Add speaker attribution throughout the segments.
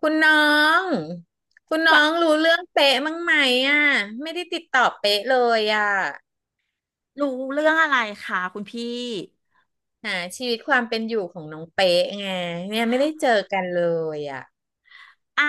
Speaker 1: คุณน้องคุณน้อ
Speaker 2: ว่า
Speaker 1: งรู้เรื่องเป๊ะมั้างไหมอ่ะไม่ได้ติดต่อเป๊ะเลยอ่ะ
Speaker 2: รู้เรื่องอะไรคะคุณพี่
Speaker 1: หาชีวิตความเป็นอยู่ของน้องเป๊ะไงเนี่ยไม่ได้เจอกันเลยอ่ะ
Speaker 2: อ่ะ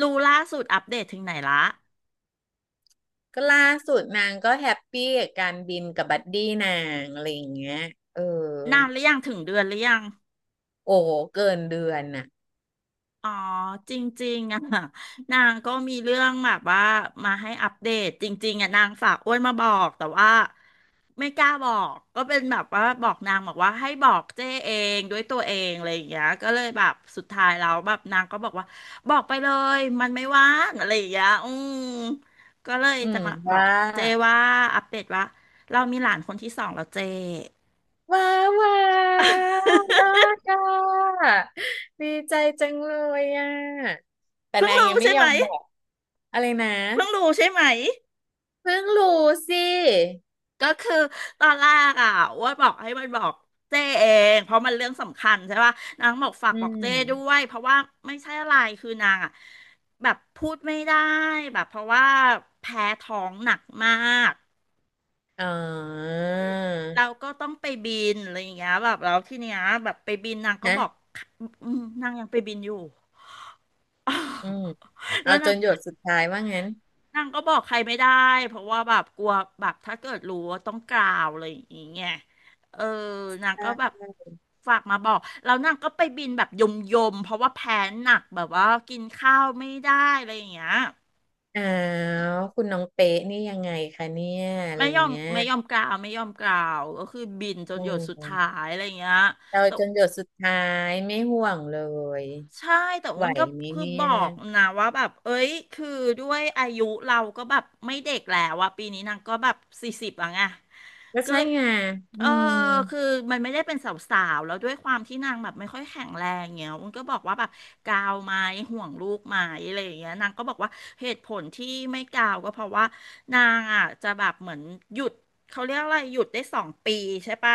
Speaker 2: รู้ล่าสุดอัปเดตถึงไหนละ
Speaker 1: ก็ล่าสุดนางก็แฮปปี้กับการบินกับบัดดี้นางอะไรอย่างเงี้ยเออ
Speaker 2: นานหรือยังถึงเดือนหรือยัง
Speaker 1: โอ้โหเกินเดือนน่ะ
Speaker 2: อ๋อจริงๆอ่ะ นางก็มีเรื่องแบบว่ามาให้อัปเดตจริงๆอ่ะนางฝากอ้วนมาบอกแต่ว่าไม่กล้าบอกก็เป็นแบบว่าบอกนางบอกว่าให้บอกเจ้เองด้วยตัวเองอะไรอย่างเงี้ยก็เลยแบบสุดท้ายแล้วแบบนางก็บอกว่าบอกไปเลยมันไม่ว่างอะไรอย่างเงี้ยอืมก็เลย
Speaker 1: อื
Speaker 2: จะ
Speaker 1: ม
Speaker 2: มาบอ
Speaker 1: ว่า
Speaker 2: กเจ้ว่าอัปเดตว่าเรามีหลานคนที่สองแล้วเจ้
Speaker 1: ว้าวว้าวยอดอ่ะดีใจจังเลยอ่ะแต่
Speaker 2: เพิ่ง
Speaker 1: นาง
Speaker 2: รู้
Speaker 1: ยังไม่
Speaker 2: ใช่
Speaker 1: ย
Speaker 2: ไห
Speaker 1: อ
Speaker 2: ม
Speaker 1: มบอกอะไรนะ
Speaker 2: เพิ่งรู้ใช่ไหม
Speaker 1: เพิ่งรู้สิ
Speaker 2: ก็คือตอนแรกอ่ะอ้ว่าบอกให้มันบอกเจ้เองเพราะมันเรื่องสำคัญใช่ป่ะนางบอกฝาก
Speaker 1: อื
Speaker 2: บอกเจ้ด้ว
Speaker 1: ม
Speaker 2: ยเพราะว่าไม่ใช่อะไรคือนางอ่ะแบบพูดไม่ได้แบบเพราะว่าแพ้ท้องหนักมาก
Speaker 1: อ๋อ
Speaker 2: เราก็ต้องไปบินอะไรอย่างเงี้ยแบบแล้วที่เนี้ยแบบไปบินนางก็บอก
Speaker 1: นะ
Speaker 2: อืมนางยังไปบินอยู่
Speaker 1: อืม
Speaker 2: แล้
Speaker 1: เอา
Speaker 2: ว
Speaker 1: จ
Speaker 2: นาง
Speaker 1: นหยดสุดท้ายว่างั้น
Speaker 2: นางก็บอกใครไม่ได้เพราะว่าแบบกลัวแบบถ้าเกิดรู้ว่าต้องกล่าวอะไรอย่างเงี้ยเออนางก็แบบฝากมาบอกแล้วนางก็ไปบินแบบยมยมเพราะว่าแพ้หนักแบบว่ากินข้าวไม่ได้อะไรอย่างเงี้ย
Speaker 1: อ้าวคุณน้องเป๊ะนี่ยังไงคะเนี่ยอะไร
Speaker 2: ไม่
Speaker 1: อ
Speaker 2: ย
Speaker 1: ย่า
Speaker 2: อ
Speaker 1: ง
Speaker 2: ม
Speaker 1: เงี้ย
Speaker 2: ไม่ยอมกล่าวไม่ยอมกล่าวก็คือบินจ
Speaker 1: โอ
Speaker 2: นหยดสุดท้า
Speaker 1: ้
Speaker 2: ยอะไรอย่างเงี้ย
Speaker 1: เรา
Speaker 2: แต่
Speaker 1: จนหยดสุดท้ายไม่ห่วงเลย
Speaker 2: ใช่แต่
Speaker 1: ไห
Speaker 2: อ้
Speaker 1: ว
Speaker 2: วนก็
Speaker 1: ไหม
Speaker 2: คือ
Speaker 1: เนี่
Speaker 2: บ
Speaker 1: ย
Speaker 2: อกนะว่าแบบเอ้ยคือด้วยอายุเราก็แบบไม่เด็กแล้วอะปีนี้นางก็แบบ40แล้วไง
Speaker 1: ก็
Speaker 2: ก็
Speaker 1: ใช่
Speaker 2: เลย
Speaker 1: ไง
Speaker 2: เอ
Speaker 1: อื
Speaker 2: อ
Speaker 1: ม
Speaker 2: คือมันไม่ได้เป็นสาวๆ แล้วด้วยความที่นางแบบไม่ค่อยแข็งแรงเงี้ยมันก็บอกว่าแบบกาวไหมห่วงลูกไหมอะไรอย่างเงี้ยนางก็บอกว่าเหตุผลที่ไม่กาวก็เพราะว่านางอ่ะจะแบบเหมือนหยุดเขาเรียกอะไรหยุดได้2 ปีใช่ปะ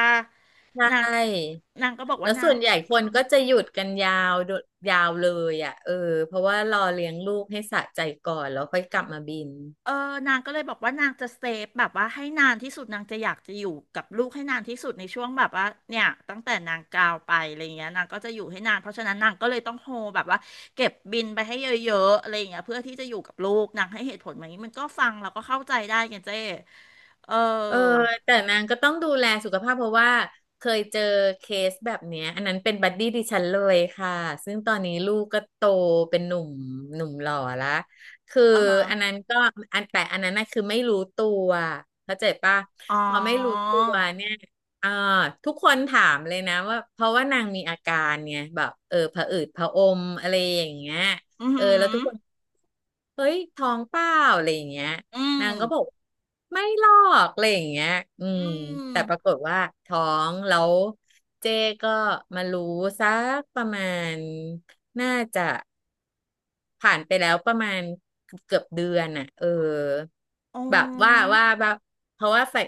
Speaker 1: ใช
Speaker 2: นาง
Speaker 1: ่
Speaker 2: นางก็บอก
Speaker 1: แล้
Speaker 2: ว่า
Speaker 1: ว
Speaker 2: นา
Speaker 1: ส่
Speaker 2: ง
Speaker 1: วนใหญ่คนก็จะหยุดกันยาวโดยาวเลยอ่ะเออเพราะว่ารอเลี้ยงลูกให้สะใจก่อนแล้วค่อยกลับมาบิน
Speaker 2: เออนางก็เลยบอกว่านางจะเซฟแบบว่าให้นานที่สุดนางจะอยากจะอยู่กับลูกให้นานที่สุดในช่วงแบบว่าเนี่ยตั้งแต่นางกาวไปอะไรเงี้ยนางก็จะอยู่ให้นานเพราะฉะนั้นนางก็เลยต้องโฮแบบว่าเก็บบินไปให้เยอะๆอะไรเงี้ยเพื่อที่จะอยู่กับลูกนางให้เหตุผลแบบนี้มันก็ฟังแล้วก็เข้าใจได้ไงเจ้เออ
Speaker 1: เออแต่นางก็ต้องดูแลสุขภาพเพราะว่าเคยเจอเคสแบบเนี้ยอันนั้นเป็นบัดดี้ดิฉันเลยค่ะซึ่งตอนนี้ลูกก็โตเป็นหนุ่มหนุ่มหล่อละคือ
Speaker 2: อ่าฮะ
Speaker 1: อันนั้นก็อันแต่อันนั้นน่ะคือไม่รู้ตัวเข้าใจปะ
Speaker 2: อ๋อ
Speaker 1: พอไม่รู้ตัวเนี่ยอ่าทุกคนถามเลยนะว่าเพราะว่านางมีอาการเนี่ยแบบเออผะอืดผะอมอะไรอย่างเงี้ย
Speaker 2: อือ
Speaker 1: เออ
Speaker 2: หื
Speaker 1: แล้วทุ
Speaker 2: อ
Speaker 1: กคนเฮ้ยท้องเปล่าอะไรอย่างเงี้ย
Speaker 2: อืม
Speaker 1: นางก็บอกไม่หรอกอะไรอย่างเงี้ยอื
Speaker 2: อื
Speaker 1: ม
Speaker 2: ม
Speaker 1: แต่ปรากฏว่าท้องแล้วเจ๊ก็มารู้สักประมาณน่าจะ ผ่านไปแล้วประมาณเกือบเดือนน่ะเออ
Speaker 2: อ๋อ
Speaker 1: แบบว่าแบบเพราะว่าใส่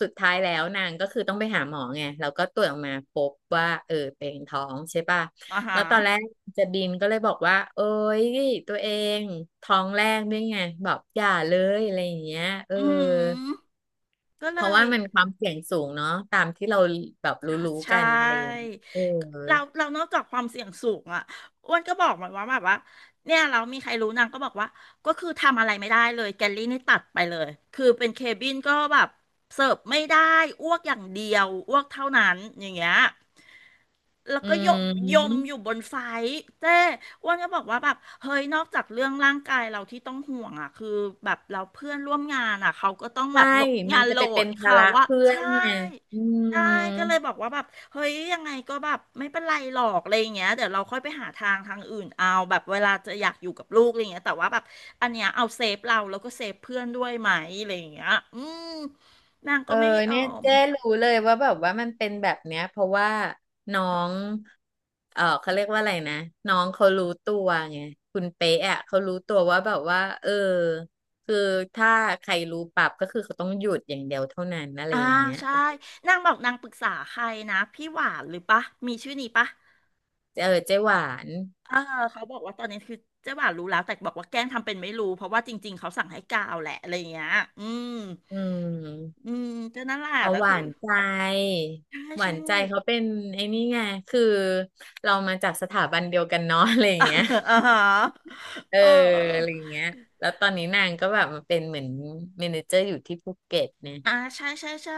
Speaker 1: สุดท้ายแล้วนางก็คือต้องไปหาหมอไงแล้วก็ตรวจออกมาพบว่าเออเป็นท้องใช่ป่ะ
Speaker 2: อ่าฮะ
Speaker 1: แล้วตอนแรกจะดินก็เลยบอกว่าเอ้ยตัวเองท้องแรกด้วยไงบอกอย่าเลยอะไรอย่างเงี้ยเออ
Speaker 2: อืมก็
Speaker 1: เพ
Speaker 2: เล
Speaker 1: ราะ
Speaker 2: ย
Speaker 1: ว่ามันความเสี่ยงสูงเนาะตามที่เราแบบ
Speaker 2: ใช่
Speaker 1: รู้
Speaker 2: ใช
Speaker 1: ๆกันอะไรอย่าง
Speaker 2: ่
Speaker 1: เงี้ยเออ
Speaker 2: เรานอกจากความเสี่ยงสูงอ่ะอ้วนก็บอกมันว่าแบบว่าเนี่ยเรามีใครรู้นางก็บอกว่าก็คือทำอะไรไม่ได้เลยแกลลี่นี่ตัดไปเลยคือเป็นเคบินก็แบบเสิร์ฟไม่ได้อ้วกอย่างเดียวอ้วกเท่านั้นอย่างเงี้ย แล้ว
Speaker 1: อื
Speaker 2: ก็ยมยมอยู่
Speaker 1: ม
Speaker 2: บนไฟท์เจ้อ้วนก็บอกว่าแบบ เฮ้ยนอกจากเรื่องร่างกายเราที่ต้องห่วงอ่ะ คือแบบเราเพื่อนร่วมงานอ่ะ เขาก็ต้องแบ
Speaker 1: ใช่
Speaker 2: บโหลด
Speaker 1: มั
Speaker 2: งา
Speaker 1: น
Speaker 2: น
Speaker 1: จะ
Speaker 2: โหล
Speaker 1: ไปเป็
Speaker 2: ด
Speaker 1: นภา
Speaker 2: เขา
Speaker 1: ระ
Speaker 2: ว่า
Speaker 1: เพื่อ
Speaker 2: ใช่
Speaker 1: นเนี่ยอื
Speaker 2: ใช่ก็เลย
Speaker 1: ม
Speaker 2: บอกว่าแบบเฮ้ยยังไงก็แบบไม่เป็นไรหรอกอะไรอย่างเงี้ยเดี๋ยวเราค่อยไปหาทางอื่นเอาแบบเวลาจะอยากอยู่กับลูกอะไรอย่างเงี้ยแต่ว่าแบบอันเนี้ยเอาเซฟเราแล้วก็เซฟเพื่อนด้วยไหมอะไรอย่างเงี้ยอืมนาง
Speaker 1: เอ
Speaker 2: ก็
Speaker 1: อ
Speaker 2: ไม่ยอ
Speaker 1: เนี่ย
Speaker 2: ม
Speaker 1: เจ๊รู้เลยว่าแบบว่ามันเป็นแบบเนี้ยเพราะว่าน้อง เออเขาเรียกว่าอะไรนะน้องเขารู้ตัวไงคุณเป๊ะอ่ะเขารู้ตัวว่าแบบว่าเออคือถ้าใครรู้ปรับก็คือเขาต้องหยุดอย่างเดียวเท่านั้นอะไร
Speaker 2: อ่า
Speaker 1: อย่างเงี้ย
Speaker 2: ใช่นางบอกนางปรึกษาใครนะพี่หวานหรือปะมีชื่อนี้ปะ
Speaker 1: เออเจ๊หวาน
Speaker 2: เออเขาบอกว่าตอนนี้คือเจ๊หวานรู้แล้วแต่บอกว่าแกล้งทำเป็นไม่รู้เพราะว่าจริงๆเขาสั่งให้กาวแหละอะไรอย่างเงี้ยอืม
Speaker 1: อืม
Speaker 2: อืมก็นั่นแหละ
Speaker 1: เอา
Speaker 2: แต่
Speaker 1: ห
Speaker 2: คื
Speaker 1: วา
Speaker 2: อ
Speaker 1: นใจ
Speaker 2: ใช่
Speaker 1: หวา
Speaker 2: ใช่
Speaker 1: นใจเขาเป็นไอ้นี่ไงคือเรามาจากสถาบันเดียวกันเนาะอะไรอย่างเงี้ย
Speaker 2: อ่าฮะ
Speaker 1: เออ
Speaker 2: เ
Speaker 1: อะไร
Speaker 2: ออ
Speaker 1: อย่างเงี้ยแล้วตอนนี้นางก็แบบมาเป็นเหมือนเมเนเจอร์อยู่ที่ภูเก็ตเนี่ย
Speaker 2: อ่าใช่ใช่ใช่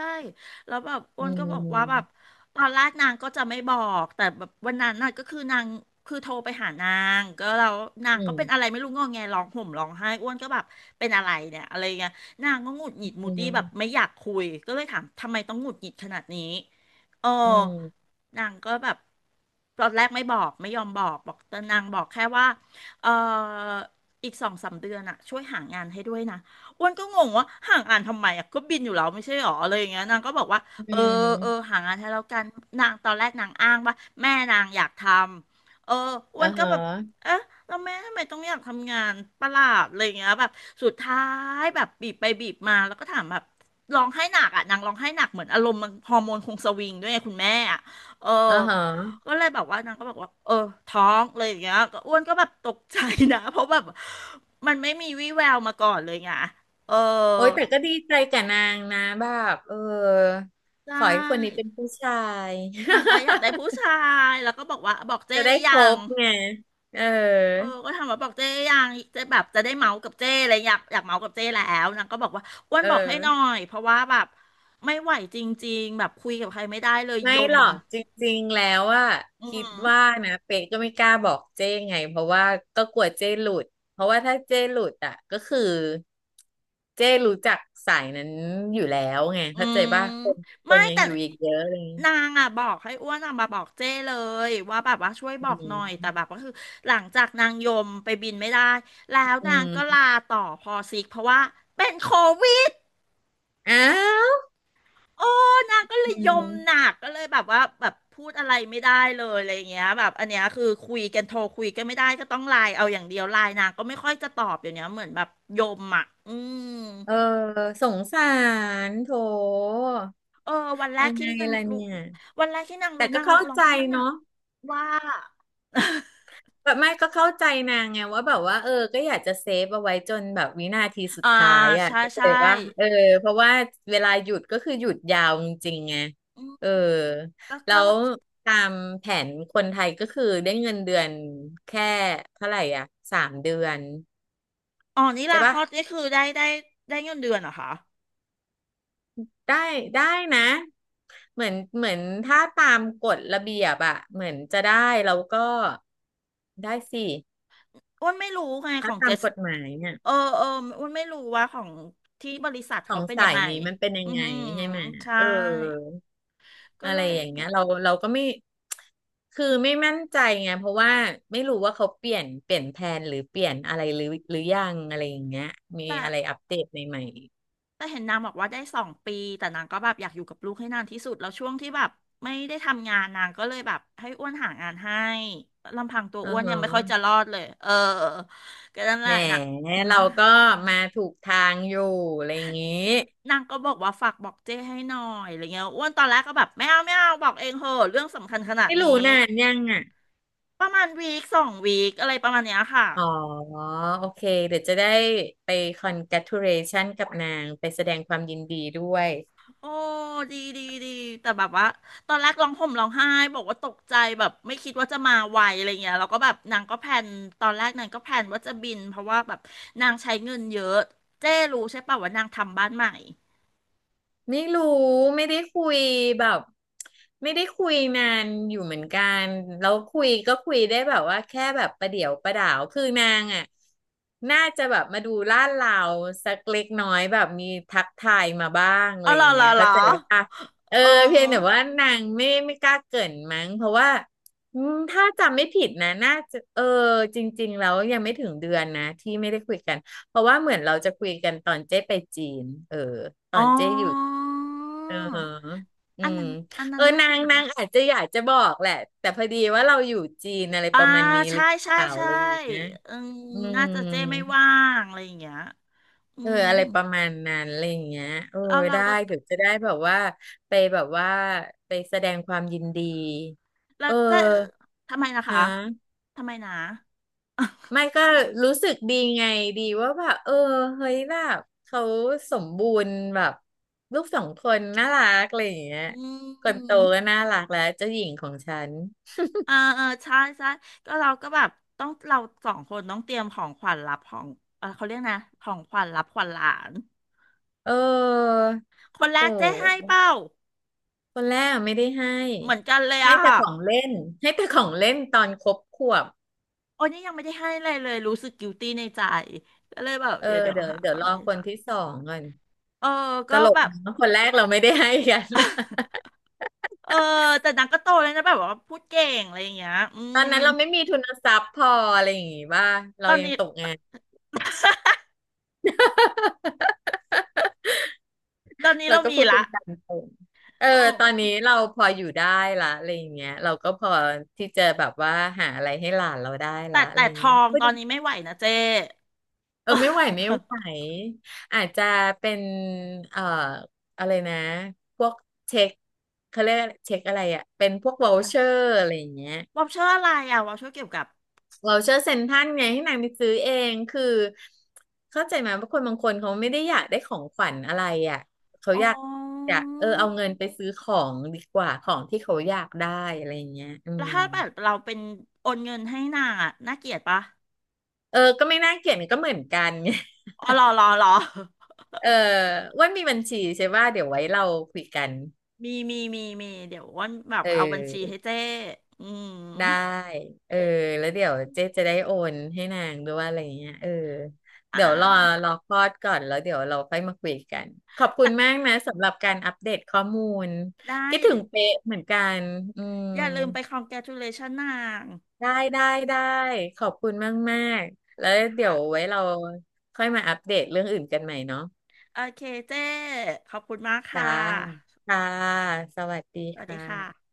Speaker 2: แล้วแบบอ้
Speaker 1: อื
Speaker 2: วนก็บอกว่าแบบ
Speaker 1: ม
Speaker 2: ตอนแรกนางก็จะไม่บอกแต่แบบวันนั้นน่ะก็คือนางคือโทรไปหานางก็แล้วนาง
Speaker 1: อื
Speaker 2: ก็
Speaker 1: ม
Speaker 2: เป็นอะไรไม่รู้งอแงร้องห่มร้องไห้อ้วนก็แบบเป็นอะไรเนี่ยอะไรเงี้ยนางก็หงุดหงิดมู
Speaker 1: อื
Speaker 2: ตี้แบบไม่
Speaker 1: ม
Speaker 2: อยากคุยก็เลยถามทำไมต้องหงุดหงิดขนาดนี้เออ
Speaker 1: อืม
Speaker 2: นางก็แบบตอนแรกไม่บอกไม่ยอมบอกบอกแต่นางบอกแค่ว่าเอออีกสองสามเดือนอะช่วยหางานให้ด้วยนะ อ้วนก็งงว่าห่างอ่านทำไมอ่ะก็บินอยู่แล้วไม่ใช่หรออะไรอย่างเงี้ยนางก็บอกว่า
Speaker 1: อื
Speaker 2: เออเออ
Speaker 1: ม
Speaker 2: ห่างอ่านให้แล้วกันนางตอนแรกนางอ้างว่าแม่นางอยากทำอ้ว
Speaker 1: อ่า
Speaker 2: น
Speaker 1: ฮ
Speaker 2: ก็แบบ
Speaker 1: ะ
Speaker 2: เอ๊ะแล้วแม่ทำไมต้องอยากทำงานประหลาดอะไรอย่างเงี้ยแบบสุดท้ายแบบบีบไปบีบมาแล้วก็ถามแบบร้องไห้หนักอ่ะนางร้องไห้หนักเหมือนอารมณ์มันฮอร์โมนคงสวิงด้วยไงคุณแม่อ่ะเออ
Speaker 1: อ่าฮะ
Speaker 2: ก็เลยแบบว่านางก็บอกว่าเออท้องเลยอย่างเงี้ยก็อ้วนก็แบบตกใจนะ เพราะแบบมันไม่มีวี่แววมาก่อนเลยไง เออ
Speaker 1: โอ้ยแต่ก็ดีใจกับนางนะแบบเออ
Speaker 2: ได้
Speaker 1: ขอให้คนนี้เป็นผู้ชาย
Speaker 2: นางก็อยากได้ผู้ชายแล้วก็บอกว่าบอกเจ้
Speaker 1: จะ
Speaker 2: หรื
Speaker 1: ได้
Speaker 2: อ
Speaker 1: ค
Speaker 2: ยั
Speaker 1: ร
Speaker 2: ง
Speaker 1: บไงเออ
Speaker 2: เออก็ถามว่าบอกเจ้หรือยังเจ้แบบจะได้เมาส์กับเจ้เลยอยากเมาส์กับเจ้แล้วนางก็บอกว่าอ้วน
Speaker 1: เออ
Speaker 2: บอกให้หน่อยเพราะว่าแบบไม่ไหวจริงๆแบบคุยกับใครไม่ได้เลย
Speaker 1: ไม่
Speaker 2: ย
Speaker 1: ห
Speaker 2: ม
Speaker 1: รอกจริงๆแล้วอะ
Speaker 2: อือ
Speaker 1: คิด
Speaker 2: หือ
Speaker 1: ว่านะเป๊กก็ไม่กล้าบอกเจ้ไงเพราะว่าก็กลัวเจ้หลุดเพราะว่าถ้าเจ้หลุดอะก็คือเจ้รู้จักสายนั้นอยู่แล้วไง
Speaker 2: อื
Speaker 1: เข้าใจ
Speaker 2: ม
Speaker 1: ป่ะคนค
Speaker 2: ไม่
Speaker 1: นยัง
Speaker 2: แต่
Speaker 1: อยู่อีกเยอะเลย
Speaker 2: นางอ่ะบอกให้อ้วนอ่ะมาบอกเจ้เลยว่าแบบว่าช่วยบอ
Speaker 1: อื
Speaker 2: กหน่อยแต่
Speaker 1: ม
Speaker 2: แบบก็คือหลังจากนางยมไปบินไม่ได้แล้ว
Speaker 1: อื
Speaker 2: นางก็
Speaker 1: ม
Speaker 2: ลาต่อพอซิกเพราะว่าเป็นโควิ
Speaker 1: อ้าว
Speaker 2: โอ้นางก็เล
Speaker 1: อื
Speaker 2: ยยมหนั
Speaker 1: ม
Speaker 2: กก็เลยแบบว่าแบบพูดอะไรไม่ได้เลยอะไรอย่างเงี้ยแบบอันเนี้ยคือคุยกันโทรคุยกันไม่ได้ก็ต้องไลน์เอาอย่างเดียวไลน์นางก็ไม่ค่อยจะตอบอย่างเนี้ยเหมือนแบบยมอ่ะอืม
Speaker 1: เออสงสารโถ
Speaker 2: เออวันแร
Speaker 1: ยั
Speaker 2: ก
Speaker 1: งไง
Speaker 2: ที่นาง
Speaker 1: ล่ะ
Speaker 2: รู้
Speaker 1: เนี่ย
Speaker 2: วันแรกที่นาง
Speaker 1: แต่
Speaker 2: รู้
Speaker 1: ก็
Speaker 2: นาง
Speaker 1: เข้า
Speaker 2: ร้อง
Speaker 1: ใจ
Speaker 2: ไห้น่ะ
Speaker 1: เนาะ
Speaker 2: ว่า
Speaker 1: แบบไม่ก็เข้าใจนางไงว่าแบบว่าเออก็อยากจะเซฟเอาไว้จนแบบวินาทีสุ ด
Speaker 2: อ่า
Speaker 1: ท้ายอ่ะ
Speaker 2: ใช่
Speaker 1: เข้าใจ
Speaker 2: ใช่
Speaker 1: ว่าเออเพราะว่าเวลาหยุดก็คือหยุดยาวจริงๆไง
Speaker 2: อืม
Speaker 1: เออ
Speaker 2: ก็
Speaker 1: แล้
Speaker 2: ก็
Speaker 1: วตามแผนคนไทยก็คือได้เงินเดือนแค่เท่าไหร่อ่ะสามเดือน
Speaker 2: อ๋อนี่
Speaker 1: ใช่
Speaker 2: ลาคล
Speaker 1: ปะ
Speaker 2: อดนี่คือได้ได้ได้เงินเดือนเหรอคะ
Speaker 1: ได้ได้นะเหมือนถ้าตามกฎระเบียบอะเหมือนจะได้แล้วก็ได้สิ
Speaker 2: อ้วนไม่รู้ไงข
Speaker 1: ถ้า
Speaker 2: อง
Speaker 1: ตา
Speaker 2: เจ
Speaker 1: ม
Speaker 2: ส
Speaker 1: กฎหมายเนี่ย
Speaker 2: เอออ้วนไม่รู้ว่าของที่บริษัท
Speaker 1: ขอ
Speaker 2: เขา
Speaker 1: ง
Speaker 2: เป็นยั
Speaker 1: สา
Speaker 2: ง
Speaker 1: ย
Speaker 2: ไง
Speaker 1: นี้มันเป็นยั
Speaker 2: อื
Speaker 1: ง
Speaker 2: อ
Speaker 1: ไง
Speaker 2: หือ
Speaker 1: ใช่ไหม
Speaker 2: ใช่
Speaker 1: เออ
Speaker 2: ก็
Speaker 1: อะ
Speaker 2: เล
Speaker 1: ไร
Speaker 2: ย
Speaker 1: อย่าง
Speaker 2: แบ
Speaker 1: เงี้ย
Speaker 2: บ
Speaker 1: เราก็ไม่คือไม่มั่นใจไงเพราะว่าไม่รู้ว่าเขาเปลี่ยนแผนหรือเปลี่ยนอะไรหรือยังอะไรอย่างเงี้ยมี
Speaker 2: แต่
Speaker 1: อะไรอัปเดตใหม่
Speaker 2: แต่เห็นนางบอกว่าได้สองปีแต่นางก็แบบอยากอยู่กับลูกให้นานที่สุดแล้วช่วงที่แบบไม่ได้ทำงานนางก็เลยแบบให้อ้วนหางานให้ลำพังตัว
Speaker 1: ๆอื
Speaker 2: อ้
Speaker 1: อ
Speaker 2: วน
Speaker 1: ฮะ
Speaker 2: ยังไม่ค่อยจะรอดเลยเออก็นั่นแห
Speaker 1: แหม
Speaker 2: ละนะอืม
Speaker 1: เราก็มาถูกทางอยู่อะไรอย่างงี้
Speaker 2: นางก็บอกว่าฝากบอกเจ้ให้หน่อยอะไรเงี้ยอ้วนตอนแรกก็แบบไม่เอาไม่เอาบอกเองเหอะเรื่องสำคัญขนาด
Speaker 1: ไม่
Speaker 2: นี้
Speaker 1: รู้นานยังอ่ะ
Speaker 2: ประมาณวีคสองวีคอะไรประมาณเนี้ยค่ะ
Speaker 1: อ๋อโอเคเดี๋ยวจะได้ไป congratulation กับนางไปแสดงความยินดีด้วย
Speaker 2: โอ้ดีดีดีแต่แบบว่าตอนแรกร้องห่มร้องไห้บอกว่าตกใจแบบไม่คิดว่าจะมาไวอะไรเงี้ยแล้วก็แบบนางก็แพลนตอนแรกนางก็แพลนว่าจะบินเพราะว่าแบบนางใช้เงินเยอะเจ้รู้ใช่ป่ะว่านางทำบ้านใหม่
Speaker 1: ไม่รู้ไม่ได้คุยแบบไม่ได้คุยนานอยู่เหมือนกันแล้วคุยก็คุยได้แบบว่าแค่แบบประเดี๋ยวประดาวคือนางอ่ะน่าจะแบบมาดูลาดเลาสักเล็กน้อยแบบมีทักทายมาบ้างอะ
Speaker 2: อ๋อ
Speaker 1: ไร
Speaker 2: เหร
Speaker 1: อ
Speaker 2: อ
Speaker 1: ย่าง
Speaker 2: เหร
Speaker 1: เงี้
Speaker 2: อ
Speaker 1: ย
Speaker 2: เหรอ
Speaker 1: เข้าใจป่ะเออ
Speaker 2: เ
Speaker 1: เพียงแต่
Speaker 2: ออ
Speaker 1: ว่านางไม่กล้าเกริ่นมั้งเพราะว่าอืมถ้าจำไม่ผิดนะน่าจะเออจริงๆแล้วยังไม่ถึงเดือนนะที่ไม่ได้คุยกัน เพราะว่าเหมือนเราจะคุยกันตอนเจ๊ไปจีนเออตอ
Speaker 2: อ๋
Speaker 1: นเจ๊อยู่
Speaker 2: อ
Speaker 1: เอออื
Speaker 2: อัน
Speaker 1: ม
Speaker 2: นั้นอัน
Speaker 1: เอ
Speaker 2: นั้
Speaker 1: อ
Speaker 2: นน่า
Speaker 1: นา
Speaker 2: จะ
Speaker 1: ง
Speaker 2: รู้ป่ะ
Speaker 1: อาจจะอยากจะบอกแหละแต่พอดีว่าเราอยู่จีนอะไร
Speaker 2: อ่า
Speaker 1: ประมาณนี้หรื
Speaker 2: ใช่
Speaker 1: อ
Speaker 2: ใช่
Speaker 1: เปล่า
Speaker 2: ใช่
Speaker 1: อะไรอย่างเงี้ย
Speaker 2: อืม
Speaker 1: อื
Speaker 2: น่า
Speaker 1: ม
Speaker 2: จะเจ้ไม่ว่างอะไรอย่างเงี้ยอื
Speaker 1: เออ
Speaker 2: ม
Speaker 1: อะไรประมาณนั้นอะไรอย่างเงี้ยเออ
Speaker 2: แล้วเรา
Speaker 1: ได้
Speaker 2: ก็
Speaker 1: เดี๋ยวจะได้แบบว่าไปแบบว่าไปแสดงความยินดี
Speaker 2: แล้ว
Speaker 1: เออ
Speaker 2: จะทำไมนะ
Speaker 1: ฮะ
Speaker 2: คะ ทำไมนะ
Speaker 1: ไม่ก็รู้สึกดีไงดีว่าแบบเออเฮ้ยแบบเขาสมบูรณ์แบบลูกสองคนน่ารักอะไรอย่างเงี้ย
Speaker 2: อื
Speaker 1: คนโต
Speaker 2: ม
Speaker 1: ก็น่ารักแล้วเจ้าหญิงของฉัน
Speaker 2: เออเออใช่ใช่ก็เราก็แบบต้องเราสองคนต้องเตรียมของขวัญรับของเออเขาเรียกนะของขวัญรับขวัญหลาน
Speaker 1: เออ
Speaker 2: คนแร
Speaker 1: โอ
Speaker 2: กเจ๊ให้
Speaker 1: ้
Speaker 2: เป้า
Speaker 1: คนแรกไม่ได้ให้
Speaker 2: เหมือนกันเลย
Speaker 1: ให้
Speaker 2: อะ
Speaker 1: แต่
Speaker 2: ค่ะ
Speaker 1: ของเล่นให้แต่ของเล่นตอนครบขวบ
Speaker 2: โอ้ยนี่ยังไม่ได้ให้เลยเลยรู้สึกกิวตี้ในใจก็เลยแบบ
Speaker 1: เออ
Speaker 2: เดี๋ยว
Speaker 1: เดี๋ยว
Speaker 2: หาของ
Speaker 1: ร
Speaker 2: อะ
Speaker 1: อ
Speaker 2: ไรให
Speaker 1: คนที่
Speaker 2: จ้ะ
Speaker 1: สองก่อน
Speaker 2: เออ
Speaker 1: ต
Speaker 2: ก็
Speaker 1: ลก
Speaker 2: แบบ
Speaker 1: นะคนแรกเราไม่ได้ให้กัน
Speaker 2: เออแต่นางก็โตเลยนะแบบว่าพูดเก่งอะไรอย่างเงี้ยอื
Speaker 1: ตอน
Speaker 2: ม
Speaker 1: นั้นเราไม่มีทุนทรัพย์พออะไรอย่างงี้ว่าเรา
Speaker 2: ตอน
Speaker 1: ยัง
Speaker 2: นี้
Speaker 1: ตกงาน
Speaker 2: ตอนนี้
Speaker 1: เรา
Speaker 2: เรา
Speaker 1: ก็
Speaker 2: มี
Speaker 1: พูดกั
Speaker 2: ละ
Speaker 1: นตามตรงเออ
Speaker 2: โอ
Speaker 1: ตอนนี้
Speaker 2: ้
Speaker 1: เราพออยู่ได้ละอะไรอย่างเงี้ยเราก็พอที่จะแบบว่าหาอะไรให้หลานเราได้
Speaker 2: แต่
Speaker 1: ละอะ
Speaker 2: แต่
Speaker 1: ไรอ
Speaker 2: ท
Speaker 1: ย่างเงี้
Speaker 2: อ
Speaker 1: ย
Speaker 2: ง
Speaker 1: พู
Speaker 2: ต
Speaker 1: ด
Speaker 2: อนนี้ไม่ไหวนะเจ้
Speaker 1: เออไม่ไหวไม่ไหว อาจจะเป็นเอ่ออะไรนะพวกเช็คเขาเรียกเช็คอะไรอะเป็นพวก v o ลเชอร์อะไรอย่างเงี้ย
Speaker 2: วอลเชอร์อะไรอ่ะวอลเชอร์เกี่ยวกับ
Speaker 1: เราเชอร์เซ็นทรัลไงให้นางไปซื้อเองคือเข้าใจไหมว่าคนบางคนเขาไม่ได้อยากได้ของขวัญอะไรอ่ะเขา
Speaker 2: อ๋
Speaker 1: อยาก
Speaker 2: อ
Speaker 1: เออเอาเงินไปซื้อของดีกว่าของที่เขาอยากได้อะไรอย่างเงี้ยอื
Speaker 2: แล้ว
Speaker 1: ม
Speaker 2: ถ้าแบบเราเป็นโอนเงินให้นางอ่ะน่าเกลียดปะ
Speaker 1: เออก็ไม่น่าเกลียดก็เหมือนกันไง
Speaker 2: อ๋อ รอรอ
Speaker 1: เอออ้ว่ามีบัญชีใช่ว่าเดี๋ยวไว้เราคุยกัน
Speaker 2: มี เดี๋ยวอ้วันแบ
Speaker 1: เ
Speaker 2: บเอาบัญชี
Speaker 1: ออ
Speaker 2: ให้เจ้อืม
Speaker 1: ได้เออแล้วเดี๋ยวเจ๊จะได้โอนให้นางด้วยอะไรอย่างเงี้ยเออ
Speaker 2: อ่
Speaker 1: เดี๋ยวร
Speaker 2: า
Speaker 1: อคลอดก่อนแล้วเดี๋ยวเราค่อยมาคุยกันขอบคุ
Speaker 2: แต่
Speaker 1: ณมากนะสำหรับการอัปเดตข้อมูล
Speaker 2: ได้
Speaker 1: คิดถึงเป๊ะเหมือนกันอืม
Speaker 2: อย่าลืมไปคอ n แก a ุเลชชั่นนาง
Speaker 1: ได้ได้ขอบคุณมากมากแล้วเดี๋ย
Speaker 2: ค่ะ
Speaker 1: วไว้เราค่อยมาอัปเดตเรื่องอื่นกันใหม่เนาะ
Speaker 2: โอเคเจ้ขอบคุณมาก
Speaker 1: จ้า
Speaker 2: ค่ะ
Speaker 1: ค่ะสวัสดี
Speaker 2: ส
Speaker 1: ค
Speaker 2: วัสดี
Speaker 1: ่ะ
Speaker 2: ค่ะ